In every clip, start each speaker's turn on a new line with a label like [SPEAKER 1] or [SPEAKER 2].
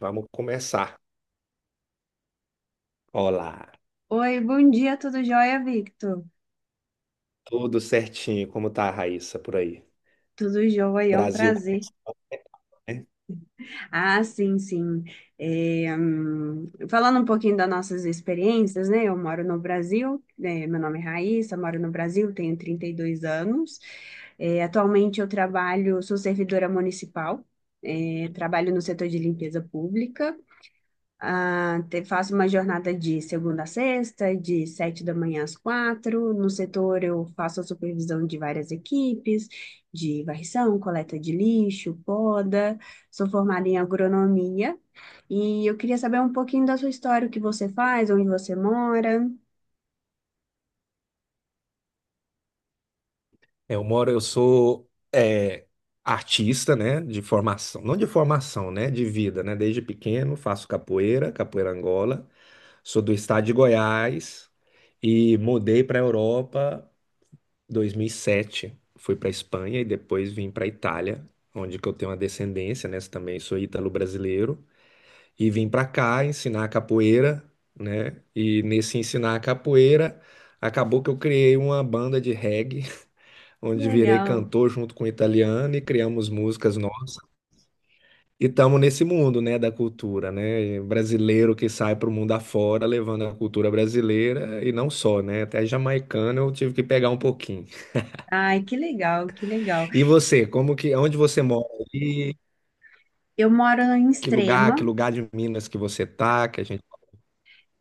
[SPEAKER 1] Vamos começar. Olá,
[SPEAKER 2] Oi, bom dia, tudo jóia, Victor?
[SPEAKER 1] tudo certinho? Como tá a Raíssa por aí?
[SPEAKER 2] Tudo jóia, é um
[SPEAKER 1] Brasil
[SPEAKER 2] prazer.
[SPEAKER 1] conhece, né?
[SPEAKER 2] Ah, sim, sim. É, falando um pouquinho das nossas experiências, né? Eu moro no Brasil, né, meu nome é Raíssa, moro no Brasil, tenho 32 anos. É, atualmente eu trabalho, sou servidora municipal, é, trabalho no setor de limpeza pública. Ah, faço uma jornada de segunda a sexta, de sete da manhã às quatro. No setor, eu faço a supervisão de várias equipes, de varrição, coleta de lixo, poda. Sou formada em agronomia. E eu queria saber um pouquinho da sua história, o que você faz, onde você mora.
[SPEAKER 1] Eu sou artista, né? De formação, não de formação, né? De vida, né? Desde pequeno faço capoeira, capoeira Angola. Sou do estado de Goiás e mudei para a Europa 2007. Fui para Espanha e depois vim para Itália, onde que eu tenho uma descendência, né? Também sou ítalo-brasileiro. E vim para cá ensinar capoeira, né? E nesse ensinar capoeira, acabou que eu criei uma banda de reggae,
[SPEAKER 2] Que
[SPEAKER 1] onde virei
[SPEAKER 2] legal.
[SPEAKER 1] cantor junto com o italiano e criamos músicas nossas. E estamos nesse mundo, né, da cultura, né? E brasileiro que sai para o mundo afora levando a cultura brasileira e não só, né? Até jamaicano eu tive que pegar um pouquinho.
[SPEAKER 2] Ai, que legal, que legal.
[SPEAKER 1] E você, como que, onde você mora aí?
[SPEAKER 2] Eu moro em
[SPEAKER 1] Que
[SPEAKER 2] Extrema.
[SPEAKER 1] lugar de Minas que você tá, que a gente...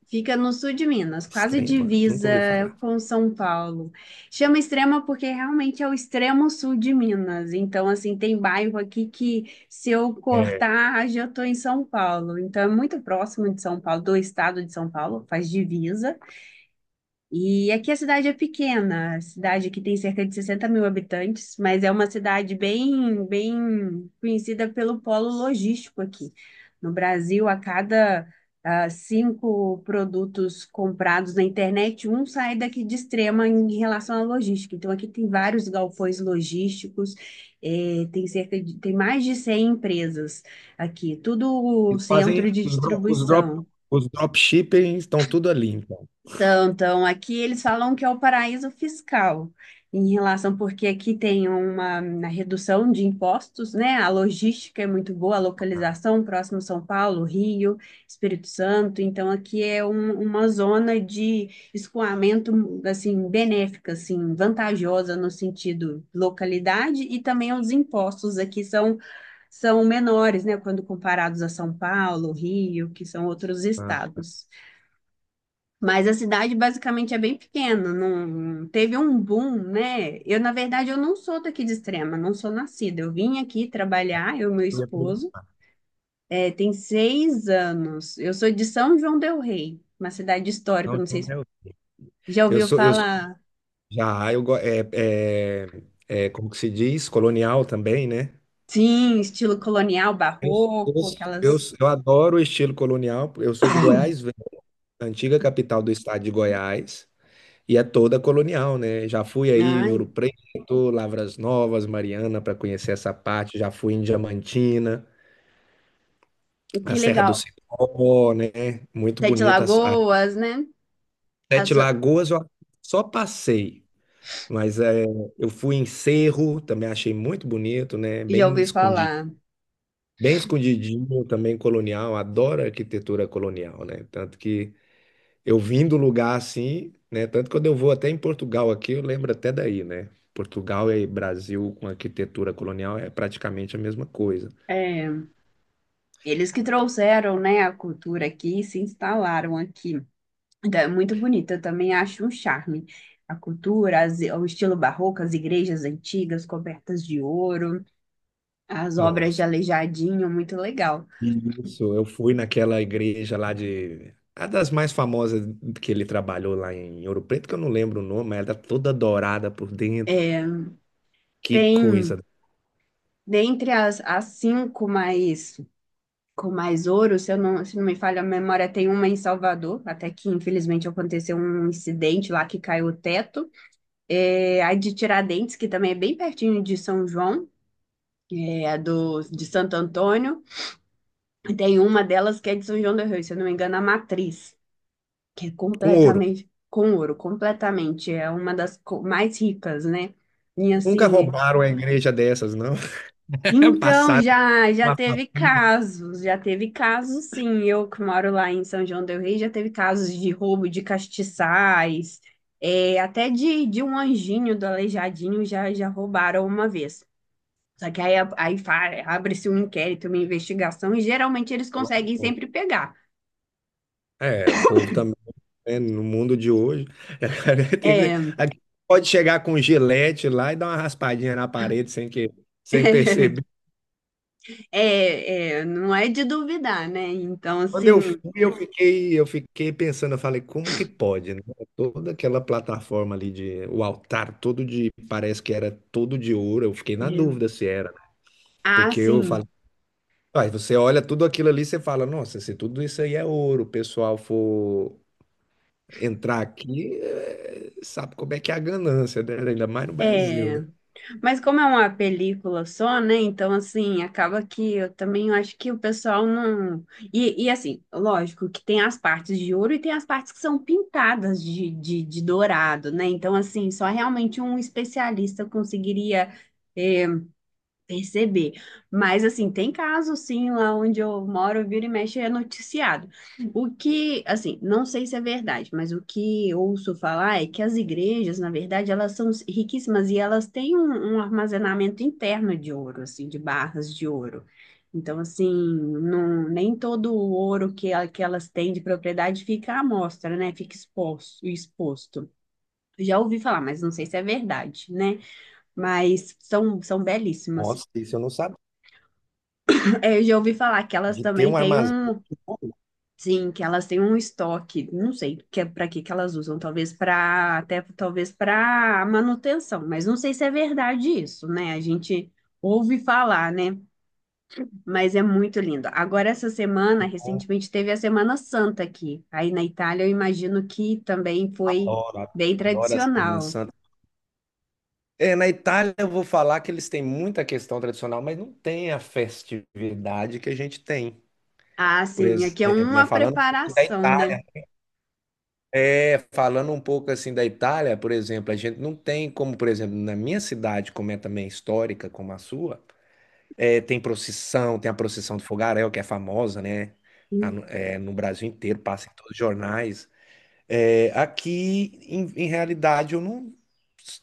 [SPEAKER 2] Fica no sul de Minas,
[SPEAKER 1] É
[SPEAKER 2] quase
[SPEAKER 1] Extrema, nunca
[SPEAKER 2] divisa
[SPEAKER 1] ouvi falar.
[SPEAKER 2] com São Paulo. Chama Extrema porque realmente é o extremo sul de Minas. Então, assim, tem bairro aqui que se eu cortar, já estou em São Paulo. Então, é muito próximo de São Paulo, do estado de São Paulo, faz divisa. E aqui a cidade é pequena, a cidade que tem cerca de 60 mil habitantes, mas é uma cidade bem, bem conhecida pelo polo logístico aqui. No Brasil, a cada cinco produtos comprados na internet, um sai daqui de Extrema em relação à logística. Então, aqui tem vários galpões logísticos, tem mais de 100 empresas aqui, tudo
[SPEAKER 1] Eles fazem
[SPEAKER 2] centro de
[SPEAKER 1] os dro- os drop,
[SPEAKER 2] distribuição.
[SPEAKER 1] os dropshipping estão tudo ali, então.
[SPEAKER 2] Então, então, aqui eles falam que é o paraíso fiscal, em relação, porque aqui tem uma redução de impostos, né? A logística é muito boa, a localização próximo São Paulo, Rio, Espírito Santo. Então, aqui é uma zona de escoamento, assim, benéfica, assim, vantajosa no sentido localidade e também os impostos aqui são, são menores, né? Quando comparados a São Paulo, Rio, que são outros
[SPEAKER 1] Tá?
[SPEAKER 2] estados. Mas a cidade basicamente é bem pequena, não teve um boom, né? Eu, na verdade, eu não sou daqui de Extrema, não sou nascida. Eu vim aqui trabalhar, eu e meu
[SPEAKER 1] E a produção,
[SPEAKER 2] esposo, é, tem 6 anos. Eu sou de São João del Rei, uma cidade histórica, não
[SPEAKER 1] então,
[SPEAKER 2] sei
[SPEAKER 1] né?
[SPEAKER 2] se já
[SPEAKER 1] Eu
[SPEAKER 2] ouviu
[SPEAKER 1] sou, eu sou-
[SPEAKER 2] falar.
[SPEAKER 1] já, eu go- é, é, como que se diz? Colonial também, né?
[SPEAKER 2] Sim, estilo colonial,
[SPEAKER 1] Eu, eu,
[SPEAKER 2] barroco,
[SPEAKER 1] eu,
[SPEAKER 2] aquelas.
[SPEAKER 1] eu adoro o estilo colonial. Eu sou de Goiás, Velho, a antiga capital do estado de Goiás, e é toda colonial, né? Já fui aí em
[SPEAKER 2] Ai,
[SPEAKER 1] Ouro Preto, Lavras Novas, Mariana, para conhecer essa parte. Já fui em Diamantina, a
[SPEAKER 2] que
[SPEAKER 1] Serra do
[SPEAKER 2] legal.
[SPEAKER 1] Cipó, né? Muito
[SPEAKER 2] Sete
[SPEAKER 1] bonita.
[SPEAKER 2] Lagoas, né? A
[SPEAKER 1] Sete
[SPEAKER 2] so-
[SPEAKER 1] Lagoas eu só passei, mas eu fui em Cerro, também achei muito bonito, né?
[SPEAKER 2] Já
[SPEAKER 1] Bem
[SPEAKER 2] ouvi
[SPEAKER 1] escondido,
[SPEAKER 2] falar.
[SPEAKER 1] bem escondidinho, também colonial, adoro arquitetura colonial, né? Tanto que eu vim do lugar assim, né? Tanto que quando eu vou até em Portugal aqui, eu lembro até daí, né? Portugal e Brasil com arquitetura colonial é praticamente a mesma coisa.
[SPEAKER 2] É, eles que trouxeram, né, a cultura aqui, e se instalaram aqui. Então, é muito bonito, eu também acho um charme. A cultura, o estilo barroco, as igrejas antigas cobertas de ouro, as obras de
[SPEAKER 1] Nossa.
[SPEAKER 2] Aleijadinho, muito legal.
[SPEAKER 1] Isso, eu fui naquela igreja lá de... A das mais famosas que ele trabalhou lá em Ouro Preto, que eu não lembro o nome, mas ela tá toda dourada por dentro. Que
[SPEAKER 2] Tem,
[SPEAKER 1] coisa.
[SPEAKER 2] dentre as cinco mais, com mais ouro, se eu não, se não me falha a memória, tem uma em Salvador, até que infelizmente aconteceu um incidente lá que caiu o teto. É, a de Tiradentes, que também é bem pertinho de São João, é, a do, de Santo Antônio. E tem uma delas que é de São João do Rio, se eu não me engano, a Matriz, que é
[SPEAKER 1] Com ouro.
[SPEAKER 2] completamente com ouro, completamente, é uma das mais ricas, né? E
[SPEAKER 1] Nunca
[SPEAKER 2] assim,
[SPEAKER 1] roubaram a igreja dessas, não.
[SPEAKER 2] então
[SPEAKER 1] Passaram
[SPEAKER 2] já
[SPEAKER 1] uma
[SPEAKER 2] teve
[SPEAKER 1] papinha.
[SPEAKER 2] casos, já teve casos sim, eu que moro lá em São João del Rei, já teve casos de roubo de castiçais, é, até de um anjinho do Aleijadinho já roubaram uma vez. Só que aí, abre-se um inquérito, uma investigação, e geralmente eles conseguem sempre pegar.
[SPEAKER 1] É, o povo também, né, no mundo de hoje,
[SPEAKER 2] É,
[SPEAKER 1] aqui pode chegar com gilete lá e dar uma raspadinha na parede sem perceber.
[SPEAKER 2] é, é, não é de duvidar, né? Então,
[SPEAKER 1] Quando eu fui,
[SPEAKER 2] assim,
[SPEAKER 1] eu fiquei pensando, eu falei, como que pode, né? Toda aquela plataforma ali de, o altar todo de, parece que era todo de ouro, eu fiquei na
[SPEAKER 2] é.
[SPEAKER 1] dúvida se era,
[SPEAKER 2] Ah,
[SPEAKER 1] porque eu falei,
[SPEAKER 2] sim.
[SPEAKER 1] ah, você olha tudo aquilo ali, você fala, nossa, se tudo isso aí é ouro, o pessoal for entrar aqui, sabe como é que é a ganância, né? Ainda mais no Brasil,
[SPEAKER 2] É,
[SPEAKER 1] né?
[SPEAKER 2] mas como é uma película só, né? Então, assim, acaba que eu também acho que o pessoal não. Assim, lógico que tem as partes de ouro e tem as partes que são pintadas de dourado, né? Então, assim, só realmente um especialista conseguiria, é, perceber. Mas, assim, tem casos, sim, lá onde eu moro, vira e mexe, é noticiado. O que, assim, não sei se é verdade, mas o que ouço falar é que as igrejas, na verdade, elas são riquíssimas e elas têm um armazenamento interno de ouro, assim, de barras de ouro. Então, assim, não, nem todo o ouro que, que elas têm de propriedade fica à mostra, né? Fica exposto, exposto. Já ouvi falar, mas não sei se é verdade, né? Mas são, são belíssimas.
[SPEAKER 1] Nossa, isso eu não sabia.
[SPEAKER 2] É, eu já ouvi falar que elas
[SPEAKER 1] De ter
[SPEAKER 2] também
[SPEAKER 1] um
[SPEAKER 2] têm
[SPEAKER 1] armazém,
[SPEAKER 2] um, sim, que elas têm um estoque, não sei que é para que que elas usam, talvez para até talvez para manutenção, mas não sei se é verdade isso, né? A gente ouve falar, né? Mas é muito lindo. Agora essa semana,
[SPEAKER 1] eu
[SPEAKER 2] recentemente teve a Semana Santa aqui. Aí na Itália, eu imagino que também foi
[SPEAKER 1] adoro,
[SPEAKER 2] bem
[SPEAKER 1] adoro a Semana
[SPEAKER 2] tradicional.
[SPEAKER 1] Santa. É, na Itália eu vou falar que eles têm muita questão tradicional, mas não tem a festividade que a gente tem.
[SPEAKER 2] Ah,
[SPEAKER 1] Por
[SPEAKER 2] sim, aqui é
[SPEAKER 1] exemplo, né,
[SPEAKER 2] uma preparação, né?
[SPEAKER 1] Falando um pouco assim da Itália, por exemplo, a gente não tem como, por exemplo, na minha cidade, como é também histórica, como a sua, tem procissão, tem a procissão do fogaréu, que é famosa, né? No Brasil inteiro, passa em todos os jornais. É, aqui, em realidade, eu não.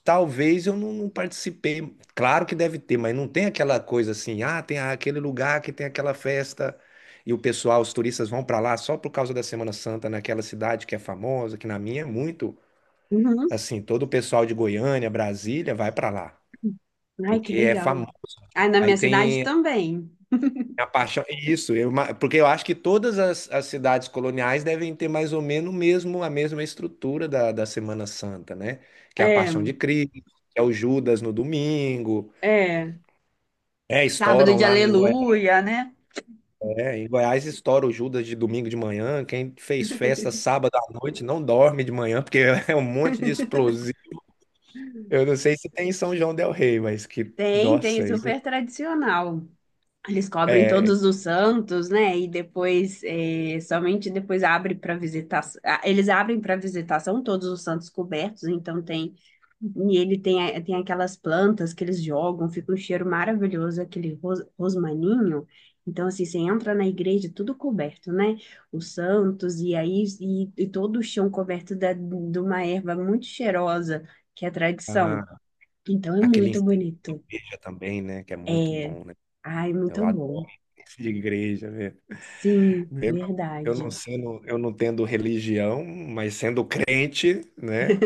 [SPEAKER 1] Talvez eu não, não participei. Claro que deve ter, mas não tem aquela coisa assim, ah, tem aquele lugar que tem aquela festa e o pessoal, os turistas vão para lá só por causa da Semana Santa naquela cidade que é famosa, que na minha é muito
[SPEAKER 2] Uhum.
[SPEAKER 1] assim, todo o pessoal de Goiânia, Brasília vai para lá,
[SPEAKER 2] Ai, que
[SPEAKER 1] porque é
[SPEAKER 2] legal.
[SPEAKER 1] famoso.
[SPEAKER 2] Aí na
[SPEAKER 1] Aí
[SPEAKER 2] minha cidade
[SPEAKER 1] tem
[SPEAKER 2] também.
[SPEAKER 1] é a paixão, é isso, porque eu acho que todas as cidades coloniais devem ter mais ou menos o mesmo, a mesma estrutura da Semana Santa, né? Que é a Paixão
[SPEAKER 2] É.
[SPEAKER 1] de Cristo, que é o Judas no domingo,
[SPEAKER 2] É, sábado
[SPEAKER 1] estouram
[SPEAKER 2] de
[SPEAKER 1] lá em Goiás,
[SPEAKER 2] aleluia, né?
[SPEAKER 1] em Goiás estoura o Judas de domingo de manhã, quem fez festa sábado à noite não dorme de manhã, porque é um monte de explosivo. Eu não sei se tem em São João del Rei, mas que,
[SPEAKER 2] Tem, tem,
[SPEAKER 1] nossa, isso
[SPEAKER 2] super tradicional. Eles cobrem
[SPEAKER 1] é...
[SPEAKER 2] todos os santos, né? E depois, eh, somente depois abre para visitação. Eles abrem para visitação todos os santos cobertos, então tem. E ele tem, tem aquelas plantas que eles jogam, fica um cheiro maravilhoso, aquele rosmaninho. Então, assim, você entra na igreja, tudo coberto, né? Os santos, e aí, e todo o chão coberto da, de uma erva muito cheirosa, que é a tradição.
[SPEAKER 1] Ah,
[SPEAKER 2] Então, é
[SPEAKER 1] aquele
[SPEAKER 2] muito
[SPEAKER 1] enseja
[SPEAKER 2] bonito.
[SPEAKER 1] também, né? Que é muito
[SPEAKER 2] É,
[SPEAKER 1] bom, né?
[SPEAKER 2] ai,
[SPEAKER 1] Eu
[SPEAKER 2] muito
[SPEAKER 1] adoro
[SPEAKER 2] bom.
[SPEAKER 1] isso de igreja, velho.
[SPEAKER 2] Sim,
[SPEAKER 1] Mesmo eu não
[SPEAKER 2] verdade.
[SPEAKER 1] sendo, eu não tendo religião, mas sendo crente, né?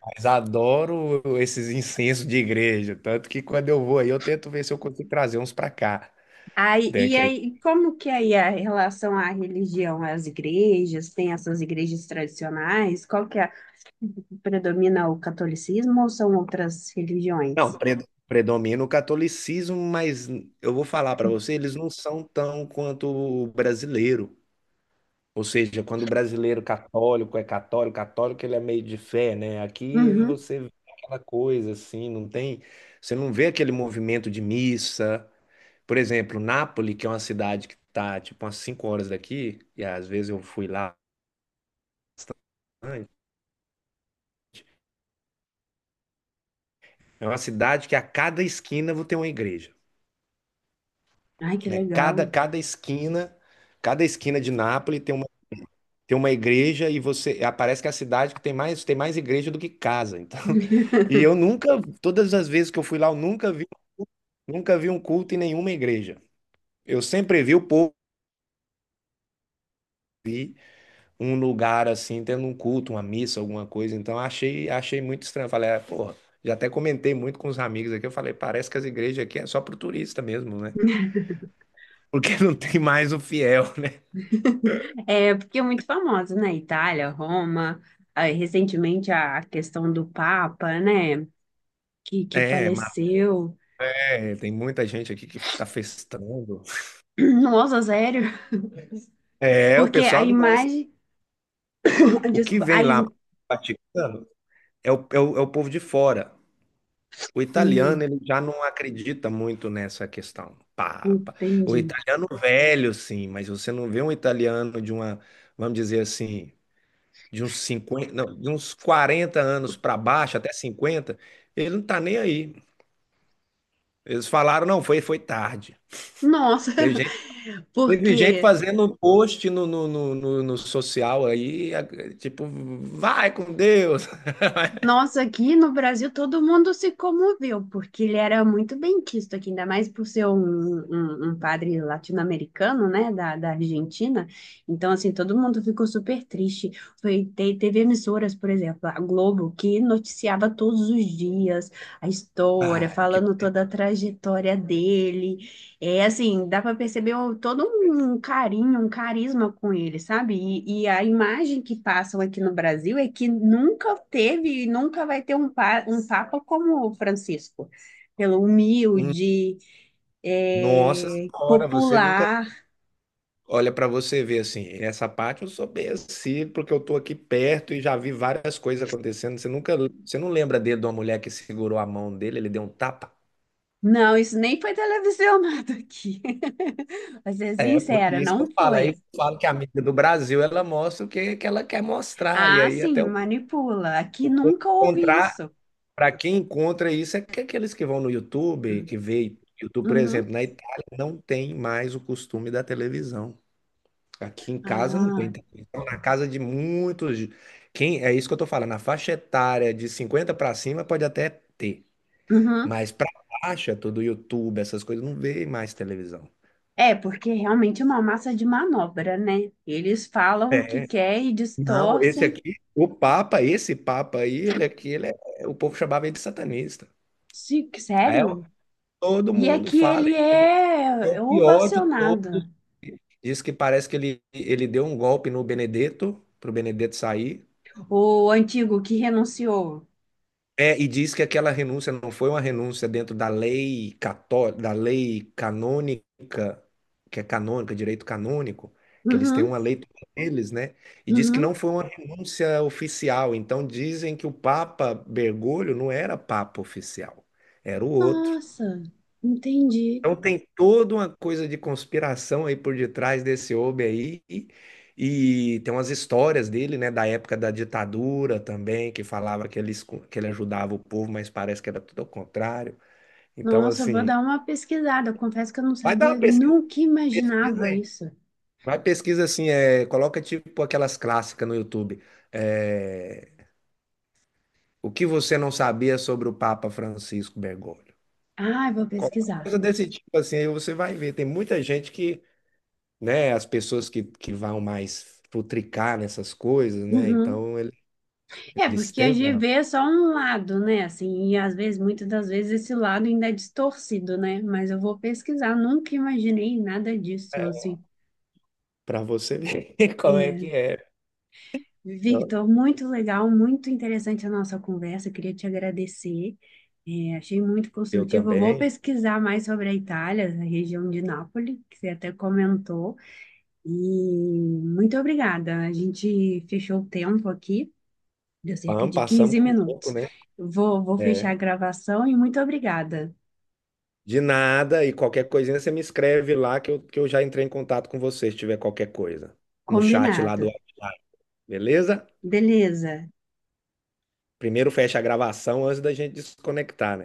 [SPEAKER 1] Mas adoro esses incensos de igreja. Tanto que quando eu vou aí, eu tento ver se eu consigo trazer uns pra cá.
[SPEAKER 2] Aí,
[SPEAKER 1] Né?
[SPEAKER 2] e aí, como que é aí a relação à religião, às igrejas, tem essas igrejas tradicionais? Qual que é? Predomina o catolicismo ou são outras
[SPEAKER 1] Não,
[SPEAKER 2] religiões?
[SPEAKER 1] predomina o catolicismo, mas eu vou falar pra você, eles não são tão quanto o brasileiro. Ou seja, quando o brasileiro católico é católico, católico ele é meio de fé, né? Aqui
[SPEAKER 2] Uhum.
[SPEAKER 1] você vê aquela coisa assim, não tem, você não vê aquele movimento de missa. Por exemplo, Nápoles, que é uma cidade que está tipo umas 5 horas daqui, e às vezes eu fui lá bastante, é uma cidade que a cada esquina vou ter uma igreja,
[SPEAKER 2] Ai, que
[SPEAKER 1] né? Cada
[SPEAKER 2] legal.
[SPEAKER 1] cada esquina, cada esquina de Nápoles tem uma igreja, e você parece que é a cidade que tem mais igreja do que casa, então. e eu nunca Todas as vezes que eu fui lá, eu nunca vi, nunca vi um culto em nenhuma igreja. Eu sempre vi o povo, vi um lugar assim tendo um culto, uma missa, alguma coisa. Então achei muito estranho. Eu falei, ah, porra, já até comentei muito com os amigos aqui. Eu falei, parece que as igrejas aqui é só pro turista mesmo, né? Porque não tem mais o fiel, né?
[SPEAKER 2] É, porque é muito famosa, né? Itália, Roma, aí, recentemente a questão do Papa, né? Que
[SPEAKER 1] é, mas,
[SPEAKER 2] faleceu.
[SPEAKER 1] é tem muita gente aqui que tá festando.
[SPEAKER 2] Nossa, sério?
[SPEAKER 1] É, o
[SPEAKER 2] Porque a
[SPEAKER 1] pessoal não gosta.
[SPEAKER 2] imagem.
[SPEAKER 1] O que
[SPEAKER 2] Desculpa,
[SPEAKER 1] vem lá pro Vaticano é o povo de fora. O
[SPEAKER 2] hum,
[SPEAKER 1] italiano ele já não acredita muito nessa questão. Papa. O
[SPEAKER 2] entendi.
[SPEAKER 1] italiano velho, sim, mas você não vê um italiano de uma, vamos dizer assim, de uns 50, não, de uns 40 anos para baixo, até 50, ele não tá nem aí. Eles falaram, não, foi tarde.
[SPEAKER 2] Nossa,
[SPEAKER 1] Teve gente, teve gente
[SPEAKER 2] porque
[SPEAKER 1] fazendo um post no social aí, tipo, vai com Deus.
[SPEAKER 2] nossa, aqui no Brasil todo mundo se comoveu, porque ele era muito bem quisto aqui, ainda mais por ser um padre latino-americano, né, da Argentina. Então, assim, todo mundo ficou super triste. Foi, teve emissoras, por exemplo, a Globo, que noticiava todos os dias a história,
[SPEAKER 1] Ah, que
[SPEAKER 2] falando toda a trajetória dele. É assim, dá para perceber todo um carinho, um carisma com ele, sabe? E a imagem que passam aqui no Brasil é que nunca teve e nunca vai ter um, um papa como o Francisco, pelo
[SPEAKER 1] um.
[SPEAKER 2] humilde,
[SPEAKER 1] Nossa
[SPEAKER 2] é,
[SPEAKER 1] Senhora, você nunca
[SPEAKER 2] popular.
[SPEAKER 1] olha para você ver assim. Essa parte eu sou bem assim, porque eu tô aqui perto e já vi várias coisas acontecendo. Você nunca, você não lembra dele de uma mulher que segurou a mão dele, ele deu um tapa?
[SPEAKER 2] Não, isso nem foi televisionado aqui. Pra ser
[SPEAKER 1] É, porque
[SPEAKER 2] sincera,
[SPEAKER 1] isso que
[SPEAKER 2] não
[SPEAKER 1] eu falo. Aí eu
[SPEAKER 2] foi.
[SPEAKER 1] falo que a mídia do Brasil ela mostra o que, que ela quer mostrar. E
[SPEAKER 2] Ah,
[SPEAKER 1] aí até
[SPEAKER 2] sim,
[SPEAKER 1] eu
[SPEAKER 2] manipula. Aqui nunca houve
[SPEAKER 1] encontrar,
[SPEAKER 2] isso.
[SPEAKER 1] para quem encontra isso, é que aqueles que vão no YouTube, que vê YouTube, por
[SPEAKER 2] Uhum.
[SPEAKER 1] exemplo, na Itália não tem mais o costume da televisão. Aqui em casa não tem
[SPEAKER 2] Ah,
[SPEAKER 1] televisão. Na casa de muitos. Quem, é isso que eu tô falando. Na faixa etária de 50 para cima pode até ter.
[SPEAKER 2] uhum.
[SPEAKER 1] Mas para baixa, tudo YouTube, essas coisas, não vê mais televisão.
[SPEAKER 2] É, porque realmente é uma massa de manobra, né? Eles falam o que
[SPEAKER 1] É.
[SPEAKER 2] quer e
[SPEAKER 1] Não, esse
[SPEAKER 2] distorcem.
[SPEAKER 1] aqui, o Papa, esse Papa aí, ele aqui, ele é, o povo chamava ele de satanista.
[SPEAKER 2] Sim,
[SPEAKER 1] Aí eu-
[SPEAKER 2] sério?
[SPEAKER 1] todo
[SPEAKER 2] E é
[SPEAKER 1] mundo
[SPEAKER 2] que
[SPEAKER 1] fala,
[SPEAKER 2] ele
[SPEAKER 1] ele é o
[SPEAKER 2] é
[SPEAKER 1] pior de todos.
[SPEAKER 2] ovacionado,
[SPEAKER 1] Diz que parece que ele deu um golpe no Benedetto, pro Benedetto sair.
[SPEAKER 2] o antigo que renunciou.
[SPEAKER 1] É, e diz que aquela renúncia não foi uma renúncia dentro da lei católica, da lei canônica, que é canônica, direito canônico, que eles têm
[SPEAKER 2] Uhum,
[SPEAKER 1] uma lei toda eles, né? E diz que
[SPEAKER 2] uhum.
[SPEAKER 1] não foi uma renúncia oficial. Então dizem que o Papa Bergoglio não era Papa oficial, era o outro.
[SPEAKER 2] Nossa, entendi.
[SPEAKER 1] Então tem toda uma coisa de conspiração aí por detrás desse homem aí. E tem umas histórias dele, né, da época da ditadura também, que falava que ele, que ele ajudava o povo, mas parece que era tudo ao contrário. Então,
[SPEAKER 2] Nossa, eu vou
[SPEAKER 1] assim,
[SPEAKER 2] dar uma pesquisada. Eu confesso que eu não
[SPEAKER 1] vai dar
[SPEAKER 2] sabia,
[SPEAKER 1] uma pesquisa,
[SPEAKER 2] nunca
[SPEAKER 1] pesquisa
[SPEAKER 2] imaginava
[SPEAKER 1] aí.
[SPEAKER 2] isso.
[SPEAKER 1] Vai pesquisa assim, coloca tipo aquelas clássicas no YouTube. É, o que você não sabia sobre o Papa Francisco Bergoglio?
[SPEAKER 2] Ah, eu vou
[SPEAKER 1] Qualquer
[SPEAKER 2] pesquisar.
[SPEAKER 1] coisa desse tipo assim, aí você vai ver. Tem muita gente que, né, as pessoas que vão mais futricar nessas coisas, né?
[SPEAKER 2] Uhum.
[SPEAKER 1] Então ele-
[SPEAKER 2] É,
[SPEAKER 1] eles
[SPEAKER 2] porque a
[SPEAKER 1] têm
[SPEAKER 2] gente
[SPEAKER 1] uma...
[SPEAKER 2] vê só um lado, né? Assim, e às vezes, muitas das vezes, esse lado ainda é distorcido, né? Mas eu vou pesquisar, nunca imaginei nada disso, assim.
[SPEAKER 1] para você ver como é que
[SPEAKER 2] É,
[SPEAKER 1] é. Eu
[SPEAKER 2] Victor, muito legal, muito interessante a nossa conversa, queria te agradecer. É, achei muito
[SPEAKER 1] eu
[SPEAKER 2] construtivo. Eu vou
[SPEAKER 1] também.
[SPEAKER 2] pesquisar mais sobre a Itália, a região de Nápoles, que você até comentou. E muito obrigada. A gente fechou o tempo aqui. Deu cerca
[SPEAKER 1] Vamos,
[SPEAKER 2] de
[SPEAKER 1] passamos
[SPEAKER 2] 15
[SPEAKER 1] com o tempo,
[SPEAKER 2] minutos.
[SPEAKER 1] né?
[SPEAKER 2] Vou, vou fechar
[SPEAKER 1] É.
[SPEAKER 2] a gravação e muito obrigada.
[SPEAKER 1] De nada, e qualquer coisinha você me escreve lá que eu, já entrei em contato com você se tiver qualquer coisa. No chat lá
[SPEAKER 2] Combinado.
[SPEAKER 1] do WhatsApp, beleza?
[SPEAKER 2] Beleza.
[SPEAKER 1] Primeiro fecha a gravação antes da gente desconectar, né?